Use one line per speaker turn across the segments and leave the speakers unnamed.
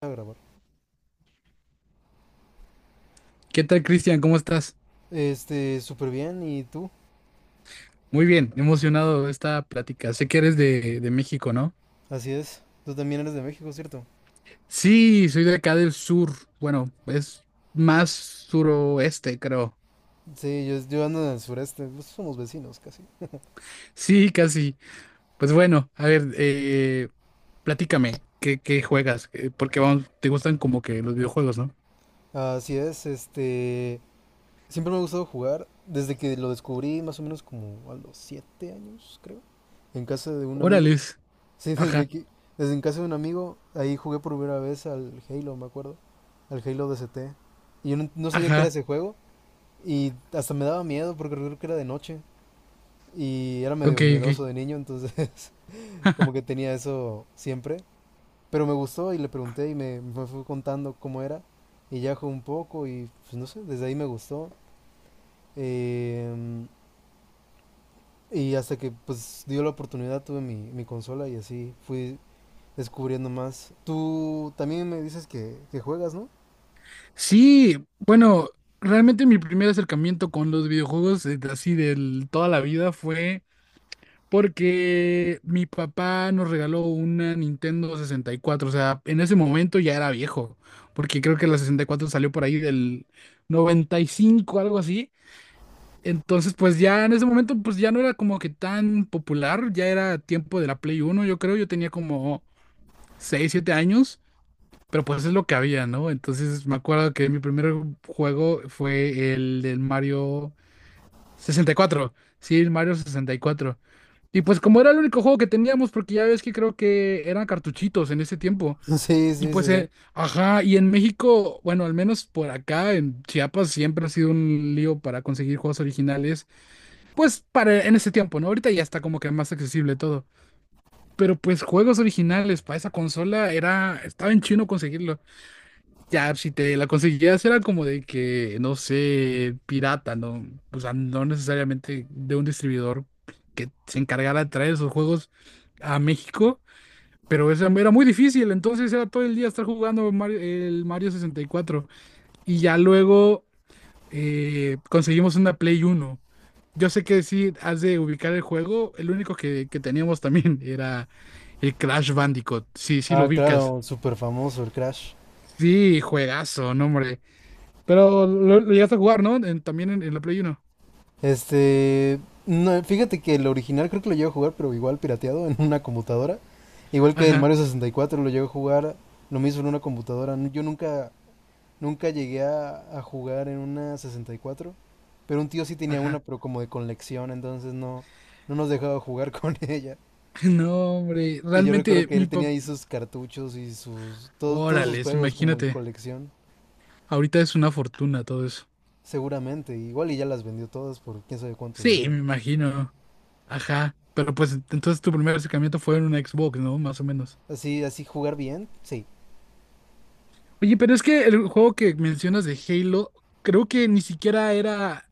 A grabar.
¿Qué tal, Cristian? ¿Cómo estás?
Súper bien, ¿y tú?
Muy bien, emocionado de esta plática. Sé que eres de México, ¿no?
Así es. Tú también eres de México, ¿cierto?
Sí, soy de acá del sur. Bueno, es más suroeste, creo.
Sí, yo ando en el sureste, pues somos vecinos casi.
Sí, casi. Pues bueno, a ver, platícame, ¿qué juegas? Porque vamos, te gustan como que los videojuegos, ¿no?
Así es, Siempre me ha gustado jugar, desde que lo descubrí más o menos como a los siete años, creo, en casa de un amigo.
Órales.
Sí,
Ajá,
desde en casa de un amigo, ahí jugué por primera vez al Halo, me acuerdo, al Halo D S T. Y yo no sabía que era
ajá.
ese juego, y hasta me daba miedo porque creo que era de noche, y era
Ok,
medio
ok.
miedoso de niño, entonces... Como que tenía eso siempre. Pero me gustó y le pregunté y me fue contando cómo era. Y ya jugué un poco y pues no sé, desde ahí me gustó. Eh, y hasta que pues dio la oportunidad tuve mi consola y así fui descubriendo más. Tú también me dices que juegas, ¿no?
Sí, bueno, realmente mi primer acercamiento con los videojuegos, así de toda la vida, fue porque mi papá nos regaló una Nintendo 64, o sea, en ese momento ya era viejo, porque creo que la 64 salió por ahí del 95, algo así. Entonces, pues ya en ese momento, pues ya no era como que tan popular, ya era tiempo de la Play 1. Yo creo, yo tenía como 6, 7 años, pero pues es lo que había, ¿no? Entonces me acuerdo que mi primer juego fue el del Mario 64, sí, el Mario 64. Y pues como era el único juego que teníamos, porque ya ves que creo que eran cartuchitos en ese tiempo.
Sí,
Y
sí,
pues,
sí, sí.
ajá, y en México, bueno, al menos por acá, en Chiapas, siempre ha sido un lío para conseguir juegos originales. Pues para en ese tiempo, ¿no? Ahorita ya está como que más accesible todo. Pero pues juegos originales para esa consola era, estaba en chino conseguirlo. Ya, si te la conseguías era como de que, no sé, pirata, ¿no? O sea, no necesariamente de un distribuidor que se encargara de traer esos juegos a México, pero eso era muy difícil, entonces era todo el día estar jugando el Mario 64. Y cuatro. Y ya luego conseguimos una Play 1. Yo sé que sí, has de ubicar el juego, el único que teníamos también era el Crash Bandicoot, sí, sí lo
Ah,
ubicas.
claro, súper famoso el Crash.
Sí, juegazo, no, hombre. Pero lo llegaste a jugar, ¿no? También en la Play 1.
Este, no, fíjate que el original creo que lo llevo a jugar, pero igual pirateado en una computadora. Igual que el
Ajá,
Mario 64 lo llevo a jugar, lo mismo en una computadora. N- Yo nunca, Nunca llegué a jugar en una 64, pero un tío sí tenía una,
ajá.
pero como de colección, entonces no, no nos dejaba jugar con ella.
No, hombre,
Y yo recuerdo
realmente
que
mi
él tenía
papá.
ahí sus cartuchos y sus, todos sus
Órale,
juegos como en
imagínate.
colección,
Ahorita es una fortuna todo eso.
seguramente. Igual y ya las vendió todas por quién sabe cuánto
Sí,
dinero.
me imagino. Ajá. Pero pues entonces tu primer acercamiento fue en una Xbox, ¿no? Más o menos.
Así, así jugar bien, sí.
Oye, pero es que el juego que mencionas de Halo, creo que ni siquiera era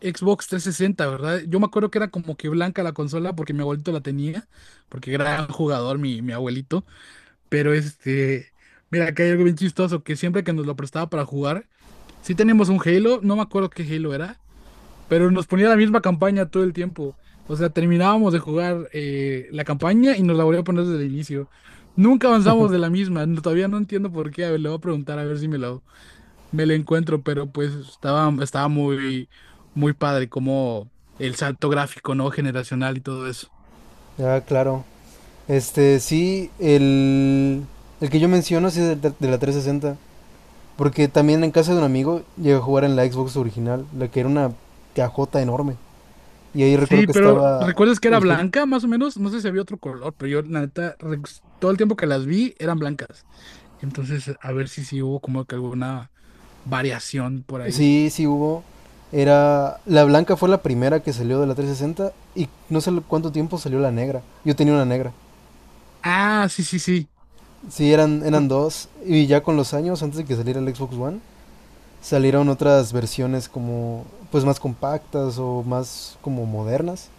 Xbox 360, ¿verdad? Yo me acuerdo que era como que blanca la consola porque mi abuelito la tenía, porque gran jugador mi abuelito. Pero este, mira, acá hay algo bien chistoso, que siempre que nos lo prestaba para jugar, sí teníamos un Halo, no me acuerdo qué Halo era, pero nos ponía la misma campaña todo el tiempo. O sea, terminábamos de jugar la campaña y nos la volvía a poner desde el inicio. Nunca avanzamos de la misma, todavía no entiendo por qué, a ver, le voy a preguntar a ver si me lo encuentro, pero pues estaba muy, muy padre como el salto gráfico, ¿no? Generacional y todo eso.
Ya, claro. Este, sí, el que yo menciono sí es de la 360. Porque también en casa de un amigo llegué a jugar en la Xbox original, la que era una cajota enorme. Y ahí recuerdo
Sí,
que
pero
estaba
¿recuerdas que era
el Hel-.
blanca más o menos? No sé si había otro color, pero yo la neta, todo el tiempo que las vi eran blancas. Entonces, a ver si sí hubo como que alguna variación por ahí.
Sí, sí hubo. Era... La blanca fue la primera que salió de la 360 y no sé cuánto tiempo salió la negra. Yo tenía una negra.
Ah, sí, sí, sí.
Sí, eran
Por-
dos. Y ya con los años, antes de que saliera el Xbox One, salieron otras versiones como pues más compactas o más como modernas.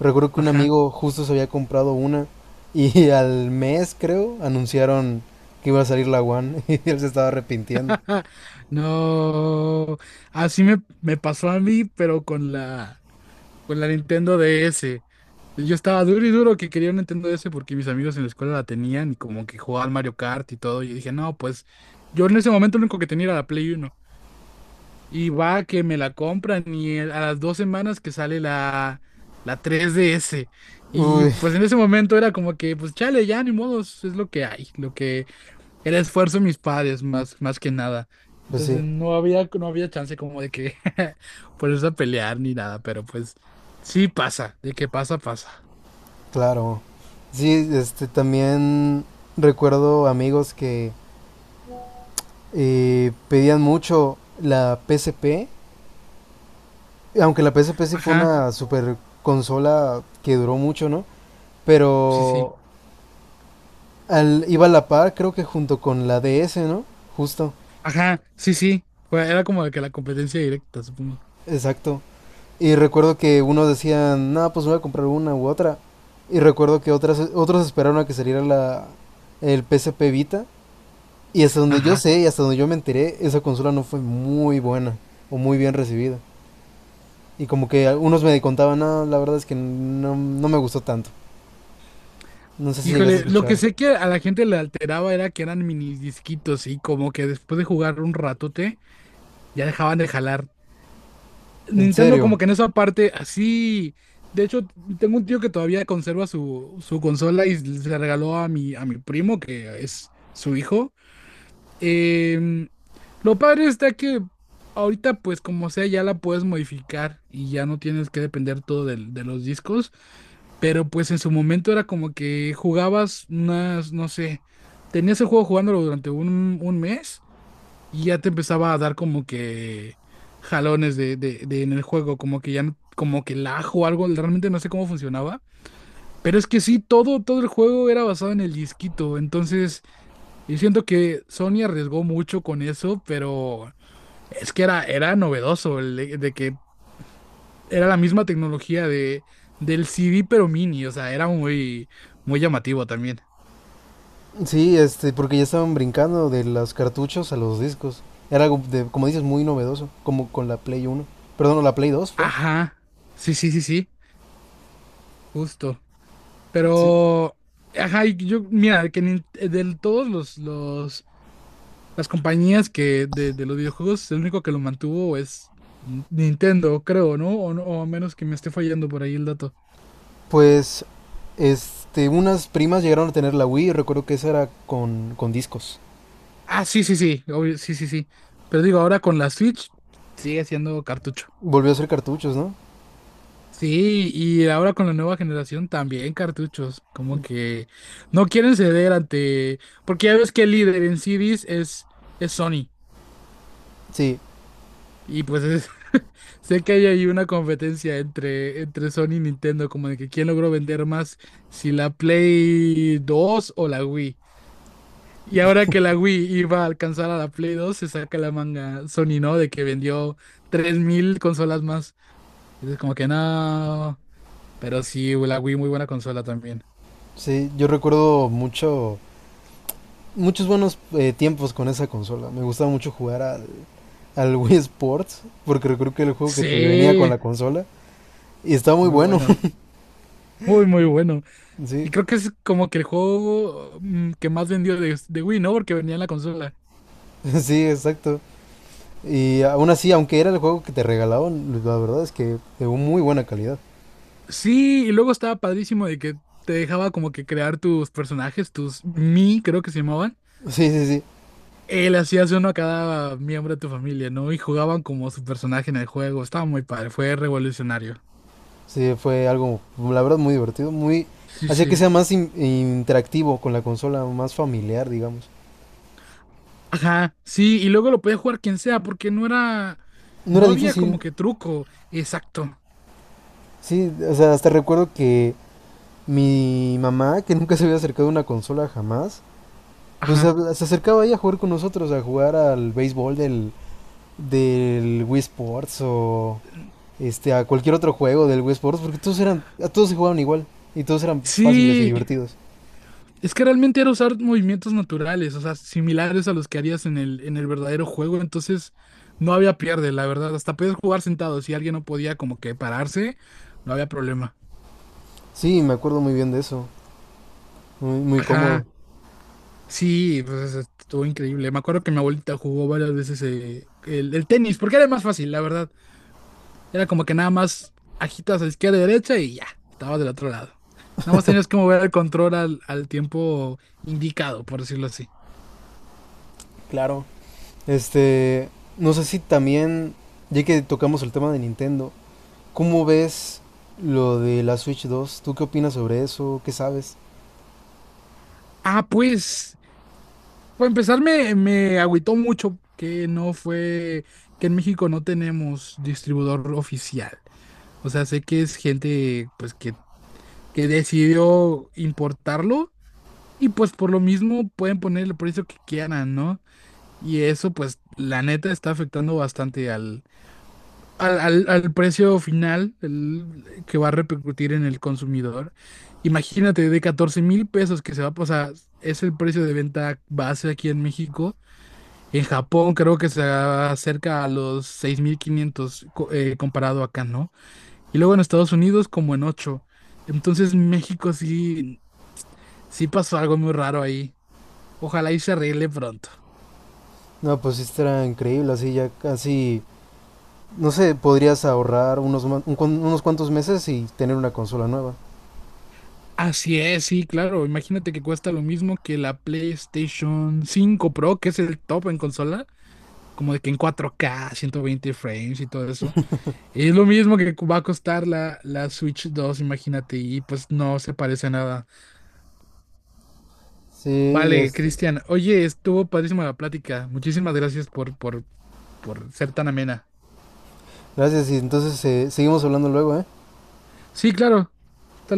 Recuerdo que un
Ajá.
amigo justo se había comprado una y al mes creo anunciaron que iba a salir la One, y él se estaba arrepintiendo.
No. Así me pasó a mí, pero con la Nintendo DS. Yo estaba duro y duro que quería un Nintendo DS porque mis amigos en la escuela la tenían y como que jugaban Mario Kart y todo. Y dije, no, pues yo en ese momento lo único que tenía era la Play 1. Y va que me la compran y a las 2 semanas que sale la 3DS Y
Uy,
pues en ese momento era como que, pues chale, ya ni modos, es lo que hay, lo que era esfuerzo de mis padres más que nada.
pues sí,
Entonces no había chance como de que ponerse a pelear ni nada, pero pues sí pasa, de que pasa, pasa.
claro. Sí, este también recuerdo amigos que pedían mucho la PSP, aunque la PSP sí fue
Ajá,
una super consola que duró mucho, ¿no?
sí, sí.
Pero al, iba a la par, creo que junto con la DS, ¿no? Justo,
Ajá, sí, sí. Era como de que la competencia directa, supongo.
exacto. Y recuerdo que unos decían, no, pues voy a comprar una u otra. Y recuerdo que otras, otros esperaron a que saliera el PSP Vita. Y hasta donde yo
Ajá.
sé y hasta donde yo me enteré, esa consola no fue muy buena o muy bien recibida. Y como que algunos me contaban, no, la verdad es que no me gustó tanto. No sé si llegaste a
Híjole, lo que
escuchar.
sé que a la gente le alteraba era que eran mini disquitos y como que después de jugar un ratote ya dejaban de jalar.
¿En
Nintendo
serio?
como que en esa parte así, de hecho tengo un tío que todavía conserva su consola y se la regaló a mi primo que es su hijo. Em, lo padre está que ahorita pues como sea ya la puedes modificar y ya no tienes que depender todo de los discos. Pero pues en su momento era como que jugabas unas, no sé, tenías el juego jugándolo durante un mes y ya te empezaba a dar como que jalones de en el juego, como que ya, como que lag o algo, realmente no sé cómo funcionaba. Pero es que sí, todo el juego era basado en el disquito, entonces yo siento que Sony arriesgó mucho con eso, pero es que era novedoso el de que era la misma tecnología del CD, pero mini, o sea, era muy, muy llamativo también.
Sí, este, porque ya estaban brincando de los cartuchos a los discos. Era algo, de, como dices, muy novedoso, como con la Play Uno. Perdón, ¿o la Play Dos fue?
Ajá, sí, sí, sí, sí, justo.
Sí.
Pero, ajá, y yo, mira, que de todos las compañías de los videojuegos, el único que lo mantuvo es Nintendo, creo, ¿no? O a menos que me esté fallando por ahí el dato.
Pues, este, unas primas llegaron a tener la Wii, recuerdo que esa era con discos.
Ah, sí, sí, sí, obvio, sí, sí, sí. Pero digo, ahora con la Switch sigue siendo cartucho.
Volvió a ser cartuchos, ¿no?
Sí, y ahora con la nueva generación también cartuchos, como que no quieren ceder ante, porque ya ves que el líder en CDs es Sony,
Sí,
y pues sé que hay ahí una competencia entre Sony y Nintendo, como de que quién logró vender más, si la Play 2 o la Wii. Y ahora que la Wii iba a alcanzar a la Play 2 se saca la manga Sony, ¿no? De que vendió 3,000 consolas más. Entonces como que no, pero sí, la Wii muy buena consola.
sí, yo recuerdo mucho, muchos buenos tiempos con esa consola. Me gustaba mucho jugar al Wii Sports, porque recuerdo que era el juego que te venía con
Sí,
la consola, y estaba muy
muy
bueno,
bueno, muy, muy bueno. Y
sí.
creo que es como que el juego que más vendió de Wii, ¿no? Porque venía en la consola.
Sí, exacto. Y aún así, aunque era el juego que te regalaban, la verdad es que de muy buena calidad.
Sí, y luego estaba padrísimo de que te dejaba como que crear tus personajes, tus Mi, creo que se llamaban.
Sí, sí, sí.
Él hacías uno a cada miembro de tu familia, ¿no? Y jugaban como su personaje en el juego. Estaba muy padre, fue revolucionario.
Sí, fue algo, la verdad, muy divertido. Muy.
Sí,
Hacía que
sí.
sea más interactivo con la consola, más familiar, digamos.
Ajá, sí, y luego lo podía jugar quien sea, porque no era,
No era
no había como
difícil.
que truco, exacto.
Sí, o sea, hasta recuerdo que mi mamá, que nunca se había acercado a una consola jamás, pues
Ajá.
se acercaba ahí a jugar con nosotros, a jugar al béisbol del Wii Sports o este, a cualquier otro juego del Wii Sports, porque todos eran, a todos se jugaban igual y todos eran fáciles y
Sí,
divertidos.
es que realmente era usar movimientos naturales, o sea, similares a los que harías en el verdadero juego, entonces no había pierde, la verdad. Hasta podías jugar sentado, si alguien no podía como que pararse, no había problema.
Sí, me acuerdo muy bien de eso, muy, muy cómodo.
Ajá, sí, pues estuvo increíble. Me acuerdo que mi abuelita jugó varias veces el tenis, porque era más fácil, la verdad. Era como que nada más agitas a izquierda y derecha y ya, estabas del otro lado. Nada más tenías que mover el control al tiempo indicado, por decirlo así.
Claro. Este, no sé si también, ya que tocamos el tema de Nintendo, ¿cómo ves lo de la Switch dos? ¿Tú qué opinas sobre eso? ¿Qué sabes?
Ah, pues. Para empezar, me agüitó mucho que no fue, que en México no tenemos distribuidor oficial. O sea, sé que es gente pues que decidió importarlo y pues por lo mismo pueden poner el precio que quieran, ¿no? Y eso pues la neta está afectando bastante al precio final que va a repercutir en el consumidor. Imagínate de 14,000 pesos que se va a pasar, es el precio de venta base aquí en México. En Japón creo que se acerca a los 6.500 comparado acá, ¿no? Y luego en Estados Unidos como en 8. Entonces México sí, sí pasó algo muy raro ahí. Ojalá y se arregle pronto.
No, pues esto era increíble, así ya casi, no sé, podrías ahorrar unos, un unos cuantos meses y tener una consola nueva.
Así es, sí, claro. Imagínate que cuesta lo mismo que la PlayStation 5 Pro, que es el top en consola, como de que en 4K, 120 frames y todo eso. Es lo mismo que va a costar la Switch 2, imagínate, y pues no se parece a nada.
Sí,
Vale,
este,
Cristian. Oye, estuvo padrísima la plática. Muchísimas gracias por ser tan amena.
gracias y entonces seguimos hablando luego, ¿eh?
Sí, claro.